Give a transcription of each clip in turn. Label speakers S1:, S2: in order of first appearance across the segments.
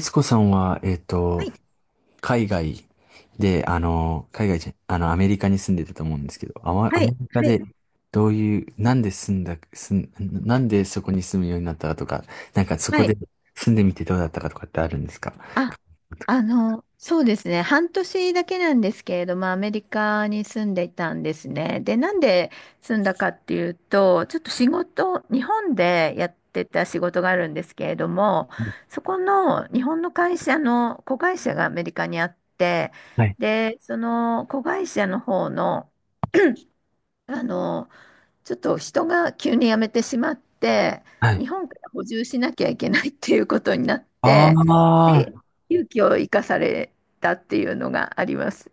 S1: スコさんは、
S2: はい、
S1: 海外で、あの、海外じゃ、あの、アメリカに住んでたと思うんですけど、ア
S2: はい、
S1: メリカ
S2: はい、
S1: で、どういう、なんで住んだ、住ん、なんでそこに住むようになったかとか、なんかそこ
S2: はい。
S1: で住んでみてどうだったかとかってあるんですか？
S2: あ、そうですね。半年だけなんですけれども、アメリカに住んでいたんですね。で、なんで住んだかっていうと、ちょっと仕事、日本でやってた仕事があるんですけれども、そこの日本の会社の子会社がアメリカにあって、
S1: はい。
S2: で、その子会社の方の、あの、ちょっと人が急に辞めてしまって、
S1: はい。
S2: 日本から補充しなきゃいけないっていうことになっ
S1: あ
S2: て、
S1: あ、
S2: で、勇気を生かされたっていうのがあります。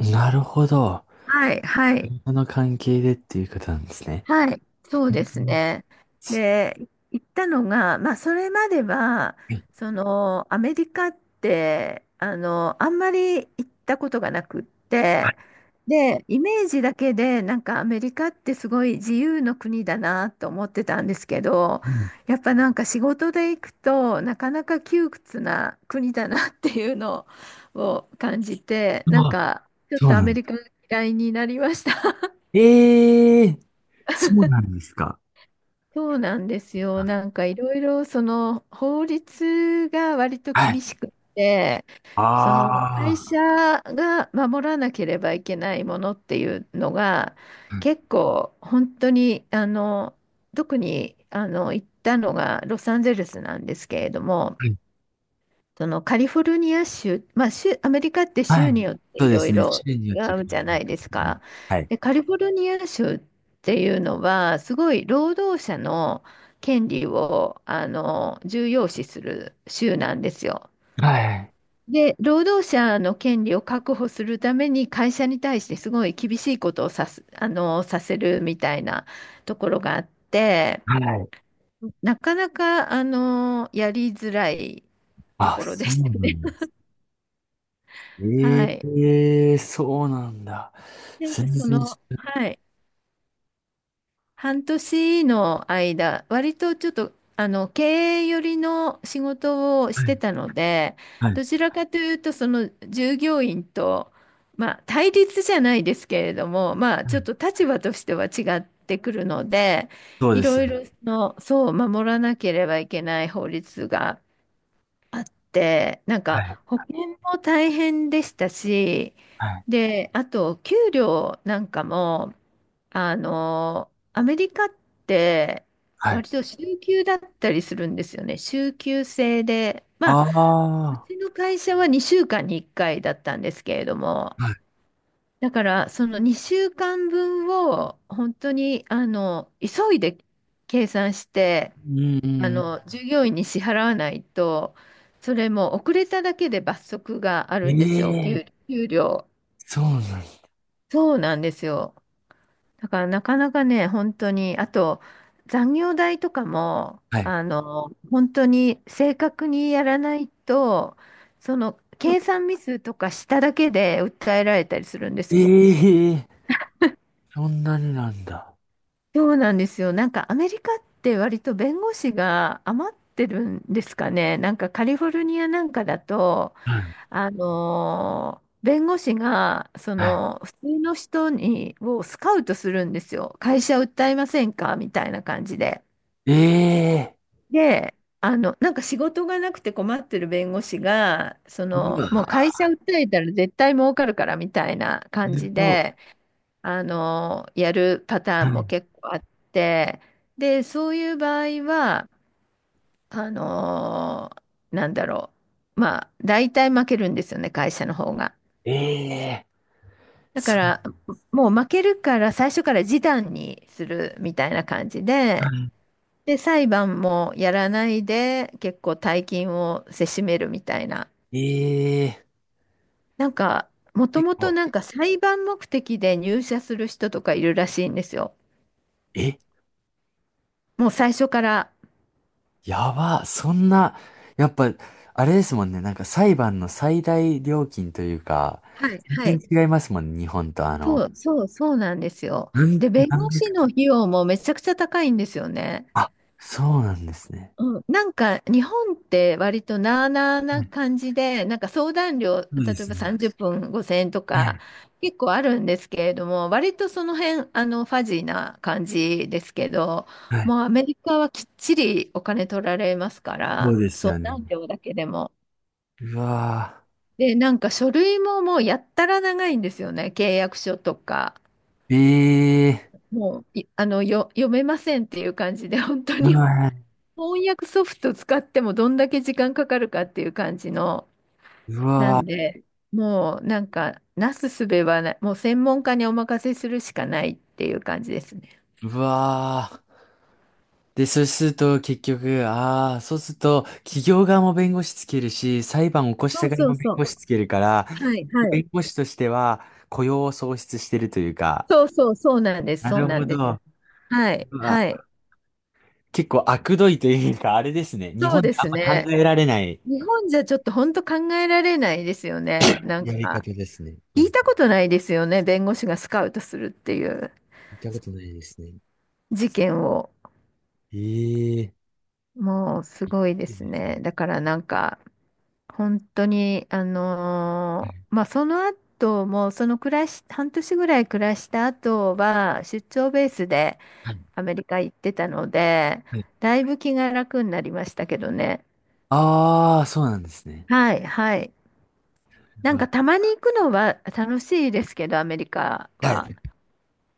S1: なるほど。
S2: はい、はい。
S1: その関係でっていうことなんですね。
S2: はい、そうで
S1: う
S2: す
S1: ん。
S2: ね。
S1: す
S2: で、行ったのが、まあ、それまでは、
S1: う
S2: その、アメリカって、あんまり行ったことがなくって、で、イメージだけで、なんかアメリカってすごい自由の国だなと思ってたんですけど、
S1: ん。
S2: やっぱなんか仕事で行くと、なかなか窮屈な国だなっていうのを感じて、なん
S1: あ、
S2: か、ちょっ
S1: そう
S2: とア
S1: な
S2: メ
S1: の。
S2: リカが嫌いになりました。
S1: ええ、そうなんですか？
S2: そうなんですよ。なんかいろいろその法律が割と
S1: は
S2: 厳
S1: い。
S2: しく、その会
S1: ああ。
S2: 社が守らなければいけないものっていうのが結構本当に特に行ったのがロサンゼルスなんですけれども、そのカリフォルニア州、まあ、州、アメリカって
S1: は
S2: 州
S1: い。
S2: によって
S1: そ
S2: い
S1: うで
S2: ろ
S1: す
S2: い
S1: ね。
S2: ろ
S1: 種類によっ
S2: 違
S1: て変
S2: う
S1: わ
S2: じ
S1: り
S2: ゃな
S1: ま
S2: い
S1: す。や
S2: です
S1: っぱり。
S2: か。
S1: はい。
S2: で、カリフォルニア州っていうのは、すごい労働者の権利を重要視する州なんですよ。
S1: はい。
S2: で、労働者の権利を確保するために会社に対してすごい厳しいことをさす、あの、させるみたいなところがあって、
S1: はい。
S2: なかなかやりづらいと
S1: あ、
S2: ころで
S1: そう
S2: し
S1: な
S2: たね。
S1: んです。
S2: は
S1: え
S2: い。
S1: え、そうなんだ。
S2: なんか
S1: 全
S2: そ
S1: 然知
S2: の、
S1: ら
S2: はい、半年の間、割とちょっと、経営寄りの仕事を
S1: な
S2: して
S1: い。
S2: たので、
S1: はい。は
S2: どち
S1: い。
S2: らかというと、その従業員と、まあ、対立じゃないですけれども、まあ、
S1: は
S2: ちょっ
S1: い。
S2: と立場としては違ってくるので、
S1: そう
S2: い
S1: です
S2: ろ
S1: よ
S2: い
S1: ね。
S2: ろその、そう、守らなければいけない法律があって、なん
S1: は
S2: か
S1: い。
S2: 保険も大変でしたし、
S1: はい。
S2: で、あと給料なんかも、アメリカって
S1: はい。
S2: 割と週休だったりするんですよね。週休制で、ま
S1: あ
S2: あ、
S1: あ、
S2: う
S1: は
S2: ちの会社は2週間に1回だったんですけれども、
S1: い。
S2: だからその2週間分を本当に急いで計算して、
S1: うんうんうん。
S2: 従業員に支払わないと、それも遅れただけで罰則があ
S1: え
S2: るんですよ、
S1: え、
S2: 給料。
S1: そうなんだ。
S2: そうなんですよ。だからなかなかね、本当に、あと残業代とかも、
S1: はい。
S2: 本当に正確にやらないと、その計算ミスとかしただけで訴えられたりするんです
S1: え
S2: よ。
S1: え、そんなになんだ。
S2: そうなんですよ。なんかアメリカって割と弁護士が余ってるんですかね。なんかカリフォルニアなんかだと、
S1: はい。
S2: 弁護士が、
S1: は
S2: 普通の人をスカウトするんですよ。会社訴えませんかみたいな感じで。
S1: い。ええ、
S2: で、なんか仕事がなくて困ってる弁護士が、
S1: う
S2: もう
S1: わ。
S2: 会社訴えたら絶対儲かるからみたいな感
S1: す
S2: じ
S1: ごい。
S2: で、やるパター
S1: は
S2: ンも
S1: い。
S2: 結構あって、で、そういう場合は、あのなんだろまあ、大体負けるんですよね、会社の方が。
S1: ええ、
S2: だか
S1: そう。
S2: ら、もう負けるから最初から示談にするみたいな感じ
S1: な
S2: で、
S1: んだ。
S2: で、裁判もやらないで、結構大金をせしめるみたいな。
S1: ええ。
S2: なんか、もと
S1: 結
S2: もと
S1: 構、
S2: なんか裁判目的で入社する人とかいるらしいんですよ。
S1: え、
S2: もう最初から。
S1: やば、そんな、やっぱ、あれですもんね、なんか裁判の最大料金というか、
S2: はい、は
S1: 全
S2: い。
S1: 然違いますもんね、日本と
S2: そう、そう、そうなんですよ。で、弁
S1: 何
S2: 護士
S1: 百、
S2: の費用もめちゃくちゃ高いんですよね。
S1: あ、そうなんですね。
S2: うん、なんか日本って割となあなあ
S1: う
S2: な
S1: ん、
S2: 感じで、なんか相談料、例
S1: そうで
S2: え
S1: す
S2: ば
S1: ね。
S2: 30分5000円と
S1: は
S2: か
S1: い、
S2: 結構あるんですけれども、割とその辺、ファジーな感じですけど、
S1: はい。
S2: もうアメリカはきっちりお金取られますか
S1: そ
S2: ら、
S1: うです
S2: 相
S1: よね。
S2: 談料だけでも。
S1: うわ
S2: で、なんか書類ももうやったら長いんですよね、契約書とか。
S1: ぁ、ええ
S2: もう、いあの、よ、読めませんっていう感じで、本当
S1: ー、
S2: に
S1: はい、
S2: 翻訳ソフト使ってもどんだけ時間かかるかっていう感じの、
S1: う
S2: な
S1: わ
S2: んで、もうなんか、なすすべはない、もう専門家にお任せするしかないっていう感じですね。
S1: ぁ、うわぁ。で、そうすると結局、ああ、そうすると企業側も弁護士つけるし、裁判を起こし
S2: そ
S1: た
S2: う
S1: 側
S2: そう
S1: も弁
S2: そ
S1: 護
S2: う。
S1: 士つけるから、
S2: はい、はい。
S1: 弁護士としては雇用を創出してるというか、
S2: そうそう、そうなんです、
S1: な
S2: そう
S1: る
S2: な
S1: ほ
S2: んで
S1: ど。
S2: す。はい、
S1: うわ。
S2: はい。
S1: 結構悪どいというか、あれですね。日
S2: そう
S1: 本で
S2: で
S1: あ
S2: す
S1: んま
S2: ね。
S1: 考えられない
S2: 日本じゃちょっと本当考えられないですよね。なん
S1: やり
S2: か、
S1: 方ですね。
S2: 聞
S1: な
S2: い
S1: んか
S2: たことないですよね。弁護士がスカウトするっていう
S1: 見たことないですね。
S2: 事件を。
S1: ええ、
S2: もうすごいで
S1: いい
S2: す
S1: ですね。
S2: ね。だからなんか、本当に、まあ、その後も、その暮らし、半年ぐらい暮らした後は、出張ベースで
S1: はい。
S2: アメリカ行ってたので、
S1: はい。
S2: だいぶ気が楽になりましたけどね。
S1: ああー、そうなんですね。
S2: はい、はい。な
S1: う
S2: ん
S1: わ。
S2: かたまに行くのは楽しいですけど、アメリカ
S1: は
S2: は。
S1: い。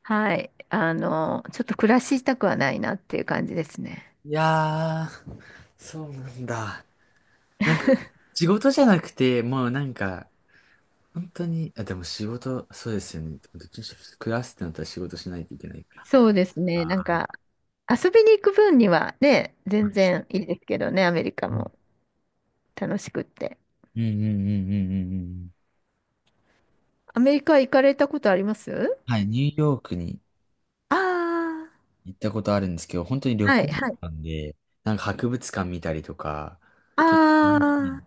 S2: はい。ちょっと暮らしたくはないなっていう感じですね。
S1: いやー、そうなんだ。なんか、仕事じゃなくて、もうなんか、本当に、あ、でも仕事、そうですよね。どっちにしろ暮らすってなったら仕事しないといけないから。
S2: そうです
S1: あ
S2: ね。なん
S1: あ、
S2: か、遊びに行く分にはね、全然いいですけどね、アメリカ
S1: うん
S2: も楽しくって。
S1: うんうんうんうんうんうん。
S2: アメリカ行かれたことあります
S1: はい、ニューヨークに
S2: あ
S1: 行ったことあるんですけど、本当に
S2: あ
S1: 旅
S2: ー、はい、
S1: 行だ
S2: は
S1: った
S2: い。
S1: んで、なんか博物館見たりとか、
S2: あ
S1: 結構楽し
S2: あ、
S1: い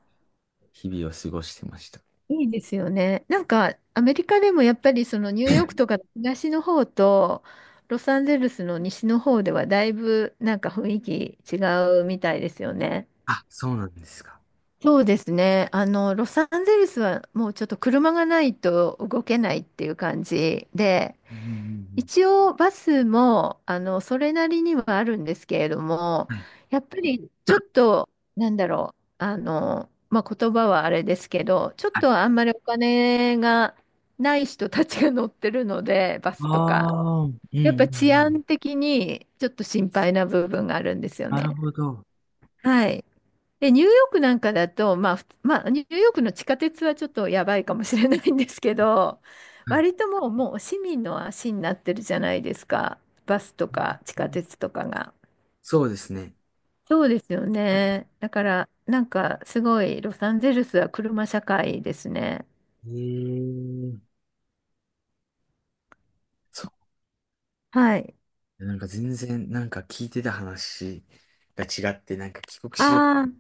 S1: 日々を過ごしてました。
S2: いいですよね。なんか、アメリカでもやっぱりそのニューヨークとか東の方と、ロサンゼルスの西の方ではだいぶなんか雰囲気違うみたいですよね。
S1: あ、そうなんですか。
S2: そうですね。ロサンゼルスはもうちょっと車がないと動けないっていう感じで、
S1: うんうん
S2: 一応バスもそれなりにはあるんですけれども
S1: うんうん。
S2: やっぱりちょっとまあ、言葉はあれですけどちょっ
S1: はい。
S2: とあんまりお金がない人たちが乗ってるのでバス
S1: あ
S2: とか
S1: あー、うん
S2: やっ
S1: うんう
S2: ぱ治
S1: ん。
S2: 安的にちょっと心配な部分があるんですよ
S1: なる
S2: ね。
S1: ほど。
S2: はい。で、ニューヨークなんかだと、まあ、ニューヨークの地下鉄はちょっとやばいかもしれないんですけど、
S1: はい。
S2: 割ともう、もう市民の足になってるじゃないですか。バスとか地下鉄とかが。
S1: そうですね。
S2: そうですよね。だから、なんかすごい、ロサンゼルスは車社会ですね。
S1: えー、そ
S2: はい。
S1: う。なんか全然、なんか聞いてた話が違って、なんか帰国子女、
S2: ああ、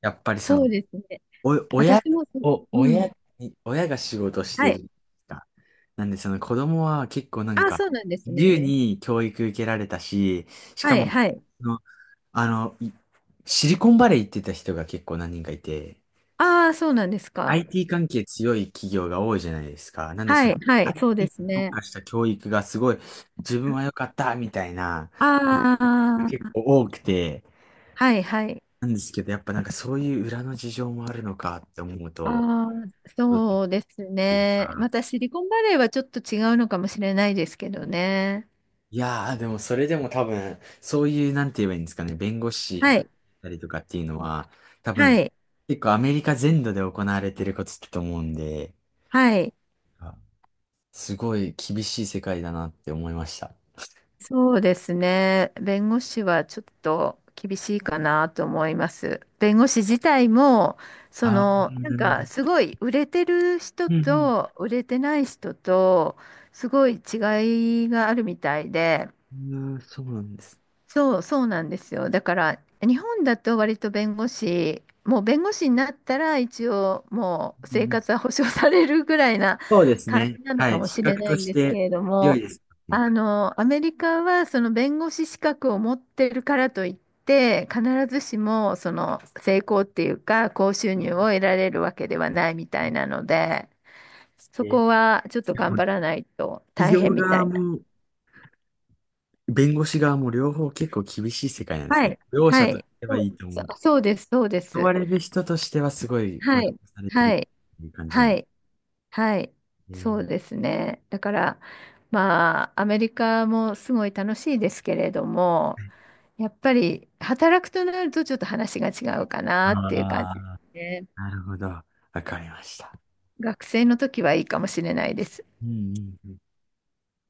S1: やっぱりそ
S2: そ
S1: の、
S2: うですね。
S1: お、親
S2: 私もそ、
S1: お
S2: う
S1: 親
S2: ん。
S1: に、親が仕事し
S2: は
S1: て
S2: い。
S1: るか。なんでその子供は結構なん
S2: ああ、
S1: か、
S2: そうなんです
S1: 自
S2: ね。
S1: 由に教育受けられたし、しか
S2: は
S1: も、
S2: い、はい。
S1: そのあの、いシリコンバレー行ってた人が結構何人かいて、
S2: ああ、そうなんですか。
S1: IT 関係強い企業が多いじゃないですか。なんでそ
S2: は
S1: の
S2: い、はい、そうで
S1: IT
S2: す
S1: に特
S2: ね。
S1: 化した教育がすごい自分は良かったみたいなことが
S2: あ
S1: 結
S2: あ。
S1: 構多くて、
S2: はいはい。
S1: なんですけど、やっぱなんかそういう裏の事情もあるのかって思う
S2: あ
S1: と、
S2: あ、
S1: どうっ
S2: そうです
S1: ていう
S2: ね。
S1: か
S2: またシリコンバレーはちょっと違うのかもしれないですけどね。
S1: いやー、でもそれでも多分、そういう、なんて言えばいいんですかね、弁護
S2: は
S1: 士だっ
S2: い。
S1: たりとかっていうのは、多分、
S2: はい。
S1: 結構アメリカ全土で行われてることだと思うんで、
S2: はい。
S1: あ、すごい厳しい世界だなって思いました。
S2: そうですね。弁護士はちょっと厳しいかなと思います。弁護士自体も、
S1: ああ、
S2: なん
S1: なるほ
S2: か
S1: ど。
S2: すごい売れてる人
S1: うん
S2: と売れてない人と、すごい違いがあるみたいで、
S1: うん。あー、そうなんです。
S2: そうなんですよ。だから、日本だと割と弁護士になったら一応もう
S1: う
S2: 生
S1: ん、
S2: 活は保障されるぐらいな
S1: そうです
S2: 感
S1: ね。
S2: じなの
S1: は
S2: か
S1: い。
S2: も
S1: 資
S2: しれ
S1: 格
S2: な
S1: と
S2: いん
S1: し
S2: ですけ
S1: て
S2: れど
S1: 強い
S2: も、
S1: ですね。
S2: アメリカはその弁護士資格を持ってるからといって、必ずしもその成功っていうか、高収入を得られるわけではないみたいなので、
S1: え
S2: そ
S1: ーえ
S2: こはちょっと
S1: で
S2: 頑
S1: も、
S2: 張らないと
S1: 企
S2: 大変
S1: 業
S2: みた
S1: 側
S2: い
S1: も弁護士側も両方結構厳しい世界なんで
S2: な。
S1: す
S2: は
S1: ね。
S2: い。
S1: 両
S2: は
S1: 者とし
S2: い。
S1: て
S2: そ
S1: はい
S2: う、
S1: いと思
S2: そ
S1: う。
S2: そうです、そうで
S1: 問わ
S2: す。
S1: れる人としてはすごい保
S2: は
S1: 障
S2: い、
S1: されてる
S2: はい、
S1: っていう感じなん
S2: は
S1: で
S2: い、はい、
S1: す
S2: そ
S1: ね。
S2: うですね。だから、まあ、アメリカもすごい楽しいですけれども、やっぱり働くとなるとちょっと話が違うか
S1: あ
S2: なっていう感じです
S1: あ、
S2: ね。
S1: なるほど。わかりました。
S2: 学生の時はいいかもしれないです。
S1: うんうんうん。